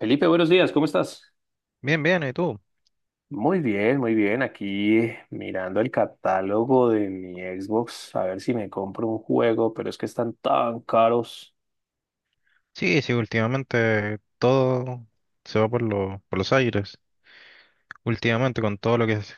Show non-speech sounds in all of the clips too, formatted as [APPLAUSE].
Felipe, buenos días, ¿cómo estás? Bien, bien, ¿y tú? Muy bien, muy bien. Aquí mirando el catálogo de mi Xbox, a ver si me compro un juego, pero es que están tan caros Sí, sí, últimamente todo se va por los aires. Últimamente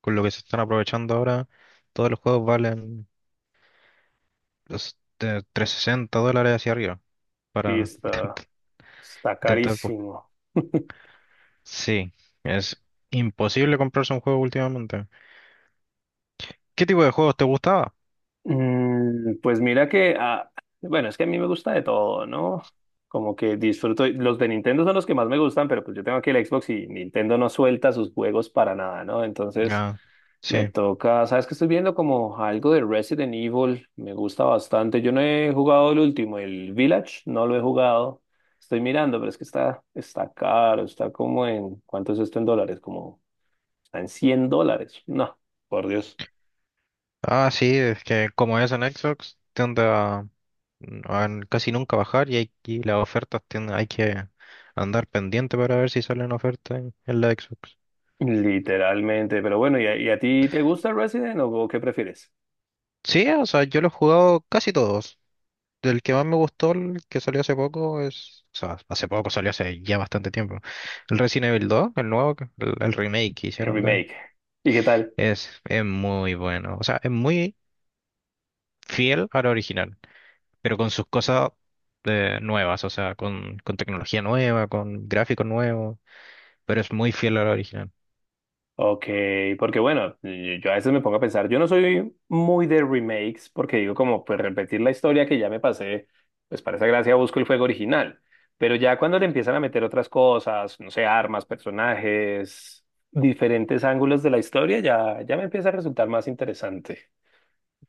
con lo que se están aprovechando ahora, todos los juegos valen los de $360 hacia arriba y para [LAUGHS] está, intent- está intentar, pues. carísimo. [LAUGHS] Sí, es imposible comprarse un juego últimamente. ¿Qué tipo de juegos te gustaba? Pues mira que, bueno, es que a mí me gusta de todo, ¿no? Como que disfruto, los de Nintendo son los que más me gustan, pero pues yo tengo aquí el Xbox y Nintendo no suelta sus juegos para nada, ¿no? Entonces Ah, me sí. toca, ¿sabes qué estoy viendo? Como algo de Resident Evil, me gusta bastante. Yo no he jugado el último, el Village, no lo he jugado. Estoy mirando, pero es que está caro, está como en, ¿cuánto es esto en dólares? Como, está en $100. No, por Dios. Ah, sí, es que como es en Xbox, tiende a casi nunca bajar y, hay, y las ofertas tienden, hay que andar pendiente para ver si salen ofertas en la Xbox. Literalmente, pero bueno, ¿y a ti te gusta Resident o qué prefieres? Sí, o sea, yo lo he jugado casi todos. Del que más me gustó, el que salió hace poco, es. O sea, hace poco salió hace ya bastante tiempo. El Resident Evil 2, el nuevo, el remake que El hicieron de. remake. ¿Y qué tal? Es muy bueno. O sea, es muy fiel al original, pero con sus cosas nuevas, o sea, con tecnología nueva, con gráficos nuevos, pero es muy fiel a la original. Ok, porque bueno, yo a veces me pongo a pensar, yo no soy muy de remakes porque digo como pues repetir la historia que ya me pasé, pues para esa gracia busco el juego original, pero ya cuando le empiezan a meter otras cosas, no sé, armas, personajes, diferentes ángulos de la historia, ya me empieza a resultar más interesante.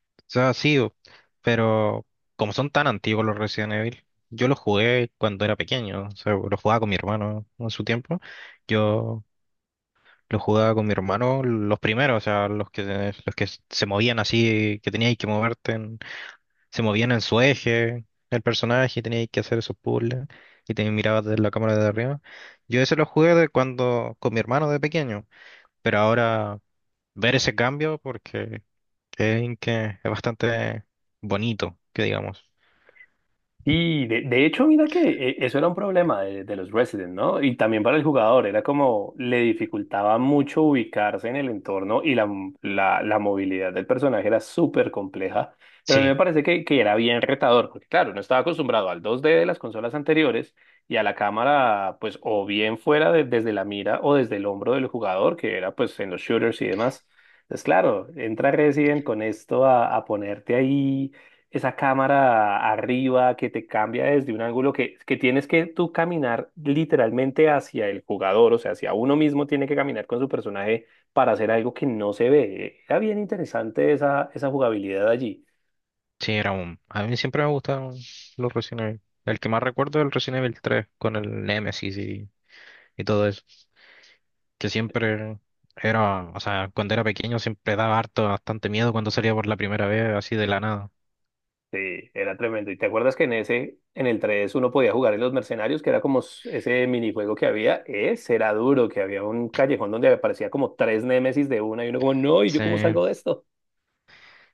O sea, sí, pero como son tan antiguos los Resident Evil, yo los jugué cuando era pequeño, o sea, los jugaba con mi hermano en su tiempo, yo los jugaba con mi hermano los primeros, o sea, los que se movían así, que tenías que moverte en, se movían en su eje el personaje y tenías que hacer esos puzzles y te mirabas desde la cámara de arriba. Yo ese lo jugué de cuando con mi hermano de pequeño, pero ahora ver ese cambio porque creen que es bastante bonito, que digamos. Y de hecho, mira que eso era un problema de los Resident, ¿no? Y también para el jugador, era como le dificultaba mucho ubicarse en el entorno y la movilidad del personaje era súper compleja, pero a mí me Sí, parece que era bien retador, porque claro, no estaba acostumbrado al 2D de las consolas anteriores y a la cámara, pues o bien desde la mira o desde el hombro del jugador, que era pues en los shooters y demás. Entonces, claro, entra Resident con esto a ponerte ahí esa cámara arriba que te cambia desde un ángulo que tienes que tú caminar literalmente hacia el jugador, o sea, hacia uno mismo tiene que caminar con su personaje para hacer algo que no se ve. Era bien interesante esa jugabilidad allí. sí. A mí siempre me gustaron los Resident Evil. El que más recuerdo es el Resident Evil 3 con el Nemesis y todo eso, que siempre. Era, o sea, cuando era pequeño siempre daba harto, bastante miedo cuando salía por la primera vez, así de la nada. Sí, era tremendo. ¿Y te acuerdas que en el 3 uno podía jugar en los mercenarios, que era como ese minijuego que había? Ese era duro, que había un callejón donde aparecía como tres némesis de una y uno como, no, ¿y yo Sí, cómo salgo de esto?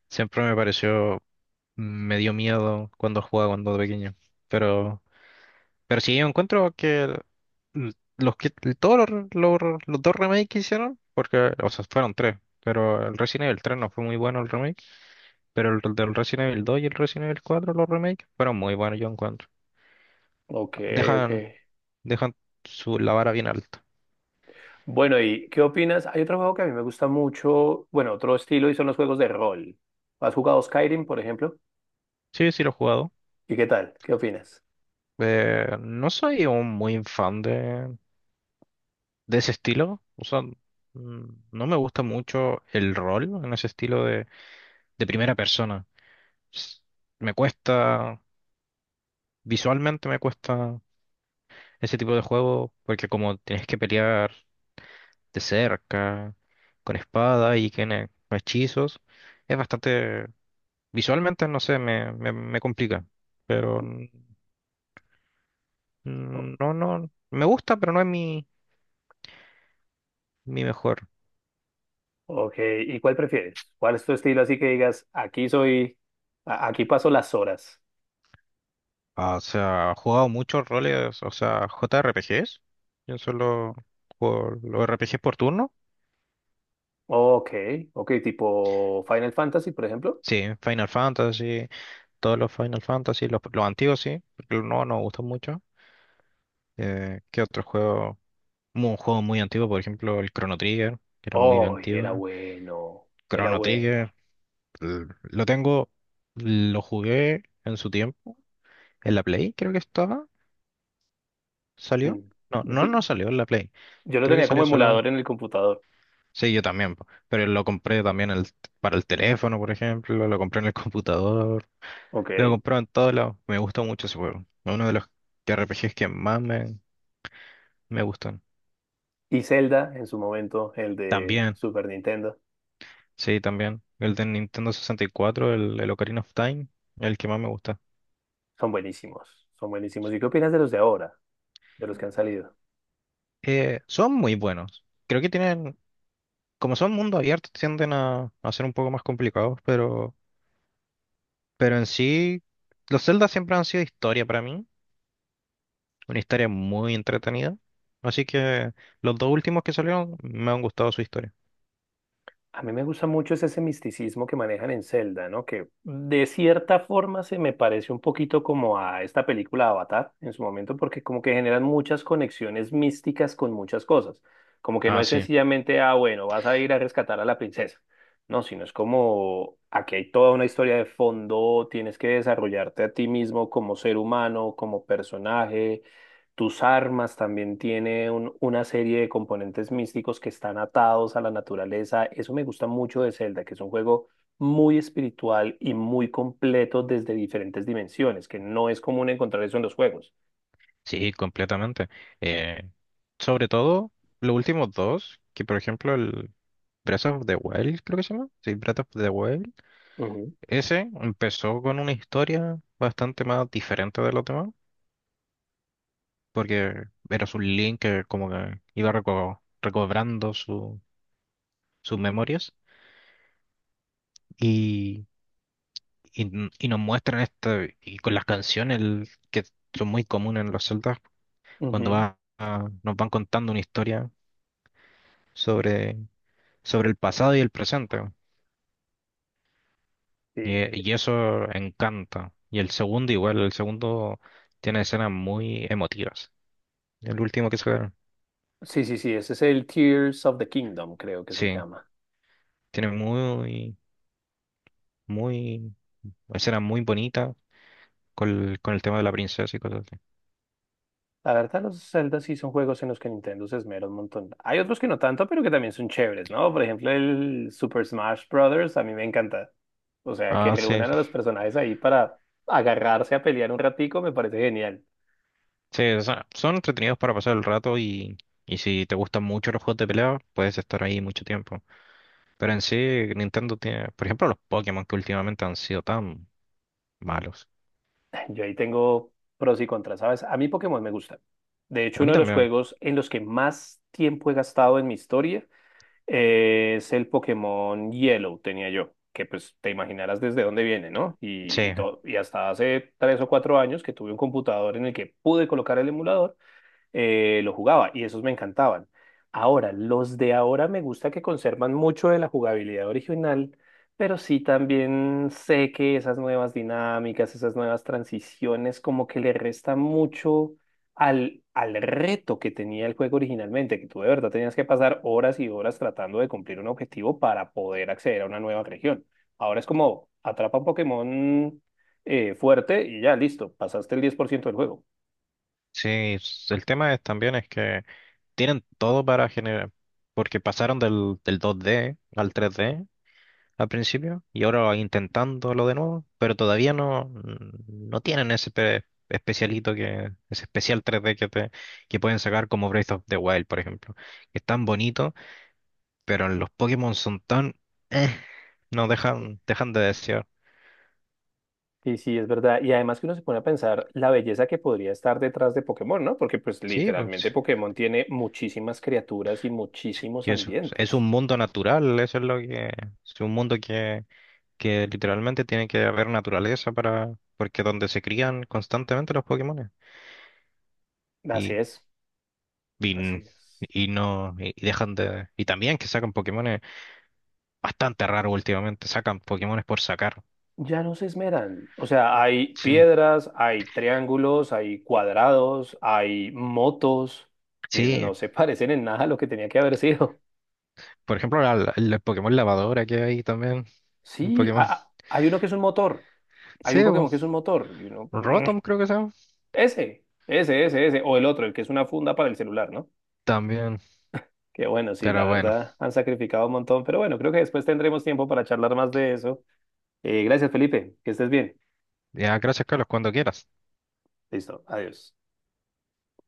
siempre me pareció, me dio miedo cuando jugaba cuando era pequeño. Pero, pero sí, yo encuentro que el- l- los que todos los, re- los re- los dos remakes que hicieron, porque, o sea, fueron tres, pero el Resident Evil 3 no fue muy bueno el remake, pero del Resident Evil 2 y el Resident Evil 4, los remakes, fueron muy buenos, yo encuentro. Ok, ok. Dejan, dejan la vara bien alta. Bueno, ¿y qué opinas? Hay otro juego que a mí me gusta mucho, bueno, otro estilo y son los juegos de rol. ¿Has jugado Skyrim, por ejemplo? Sí, sí lo he jugado. ¿Y qué tal? ¿Qué opinas? No soy un muy fan de ese estilo. O sea, no me gusta mucho el rol en ese estilo de primera persona. S- Me cuesta, visualmente me cuesta ese tipo de juego porque como tienes que pelear de cerca, con espada y tiene hechizos, es bastante, visualmente no sé, me complica. Pero O- no, no, me gusta, pero no es mi mejor. ok, ¿y cuál prefieres? ¿Cuál es tu estilo así que digas, aquí soy, aquí paso las horas? Ah, o sea, ha jugado muchos roles, o sea, JRPGs. Yo solo juego los RPGs por turno. Ok, ok, tipo Final Fantasy, por ejemplo. Sí, Final Fantasy, todos los Final Fantasy, los antiguos sí, porque los nuevos no me gustan mucho. ¿Qué otro juego? Un juego muy antiguo, por ejemplo, el Chrono Trigger, que era muy Oh, y era antiguo. bueno, era Chrono bueno. Trigger, lo tengo, lo jugué en su tiempo, en la Play, creo que estaba, salió. Mm. No, Yo no, pues, no salió en la Play, yo lo creo que tenía como salió solamente. emulador en el computador. Sí, yo también, po. Pero lo compré también para el teléfono, por ejemplo, lo compré en el computador, lo Ok. compré en todos lados. Me gustó mucho ese juego. Uno de los RPGs que más me gustan. Y Zelda en su momento, el de También, Super Nintendo. sí, también. El de Nintendo 64, el Ocarina of Time, el que más me gusta. Son buenísimos, son buenísimos. ¿Y qué opinas de los de ahora, de los que han salido? Son muy buenos. Creo que tienen, como son mundo abierto, tienden a ser un poco más complicados, pero en sí, los Zelda siempre han sido historia para mí. Una historia muy entretenida. Así que los dos últimos que salieron me han gustado su historia. A mí me gusta mucho ese misticismo que manejan en Zelda, ¿no? Que de cierta forma se me parece un poquito como a esta película Avatar en su momento, porque como que generan muchas conexiones místicas con muchas cosas. Como que no Ah, es sí, sencillamente, ah, bueno, vas a ir a rescatar a la princesa. No, sino es como, aquí hay toda una historia de fondo, tienes que desarrollarte a ti mismo como ser humano, como personaje tus armas, también tiene una serie de componentes místicos que están atados a la naturaleza. Eso me gusta mucho de Zelda, que es un juego muy espiritual y muy completo desde diferentes dimensiones, que no es común encontrar eso en los juegos. sí, completamente. Eh, sobre todo los últimos dos, que por ejemplo el Breath of the Wild, creo que se llama. Sí, Breath of the Wild. Ujú, Ese empezó con una historia bastante más diferente de los demás, porque era un Link que como que iba recobrando sus memorias. y Y, y nos muestran esto, y con las canciones que son muy comunes en los celtas, cuando ujú, va, nos van contando una historia sobre, sobre el pasado y el presente. Y, sí. e- y eso encanta. Y el segundo igual, el segundo tiene escenas muy emotivas. El último que sacaron. Sí, sí, sí, ese es el Tears of the Kingdom, creo que se Sí, llama. tiene muy, muy, escenas muy bonitas con, con el tema de la princesa y cosas así. La verdad, los Zelda sí son juegos en los que Nintendo se esmera un montón. Hay otros que no tanto, pero que también son chéveres, ¿no? Por ejemplo, el Super Smash Bros. A mí me encanta. O sea, que Ah, sí. reúnan a los personajes ahí para agarrarse a pelear un ratico me parece genial. Sí, o sea, son entretenidos para pasar el rato y si te gustan mucho los juegos de pelea, puedes estar ahí mucho tiempo. Pero en sí, Nintendo tiene, por ejemplo, los Pokémon que últimamente han sido tan malos. [LAUGHS] Yo ahí tengo pros y contras, ¿sabes? A mí Pokémon me gusta. De hecho, A uno mí de los también. juegos en los que más tiempo he gastado en mi historia es el Pokémon Yellow, tenía yo, que pues te imaginarás desde dónde viene, ¿no? Sí, Y hasta hace 3 o 4 años que tuve un computador en el que pude colocar el emulador, lo jugaba y esos me encantaban. Ahora, los de ahora me gusta que conservan mucho de la jugabilidad original, pero sí también sé que esas nuevas dinámicas, esas nuevas transiciones, como que le resta mucho al reto que tenía el juego originalmente, que tú de verdad tenías que pasar horas y horas tratando de cumplir un objetivo para poder acceder a una nueva región. Ahora es como atrapa un Pokémon fuerte y ya, listo, pasaste el 10% del juego. sí. El tema es también es que tienen todo para generar, porque pasaron del 2D al 3D al principio y ahora intentándolo de nuevo, pero todavía no tienen ese especialito que, ese especial 3D que, que pueden sacar como Breath of the Wild, por ejemplo, que es tan bonito, pero en los Pokémon son tan. Eh, no dejan de desear. Sí, sí, es verdad. Y además que uno se pone a pensar la belleza que podría estar detrás de Pokémon, ¿no? Porque pues Sí, literalmente pues Pokémon tiene muchísimas criaturas y muchísimos y eso. Es un ambientes. mundo natural, eso es lo que. Es un mundo que literalmente tiene que haber naturaleza para. Porque donde se crían constantemente los Pokémon. Así es, así Y, es. y no, y dejan de. Y también que sacan Pokémones bastante raros últimamente, sacan Pokémones por sacar. Ya no se esmeran. O sea, hay Sí. piedras, hay triángulos, hay cuadrados, hay motos que Sí. no se [LAUGHS] parecen en nada a lo que tenía que haber sido. Por ejemplo, el Pokémon lavadora que hay también. Un Sí, ah, Pokémon. ah, hay uno que es un motor. Hay un Sí, Pokémon que es un motor. Y uno, mm, Rotom creo que se llama. ese, ese, ese, ese. O el otro, el que es una funda para el celular, ¿no? También. Que bueno, sí, la Pero bueno. verdad han sacrificado un montón, pero bueno, creo que después tendremos tiempo para charlar más de eso. Gracias, Felipe, que estés bien. Ya, gracias, Carlos, cuando quieras. Listo, adiós.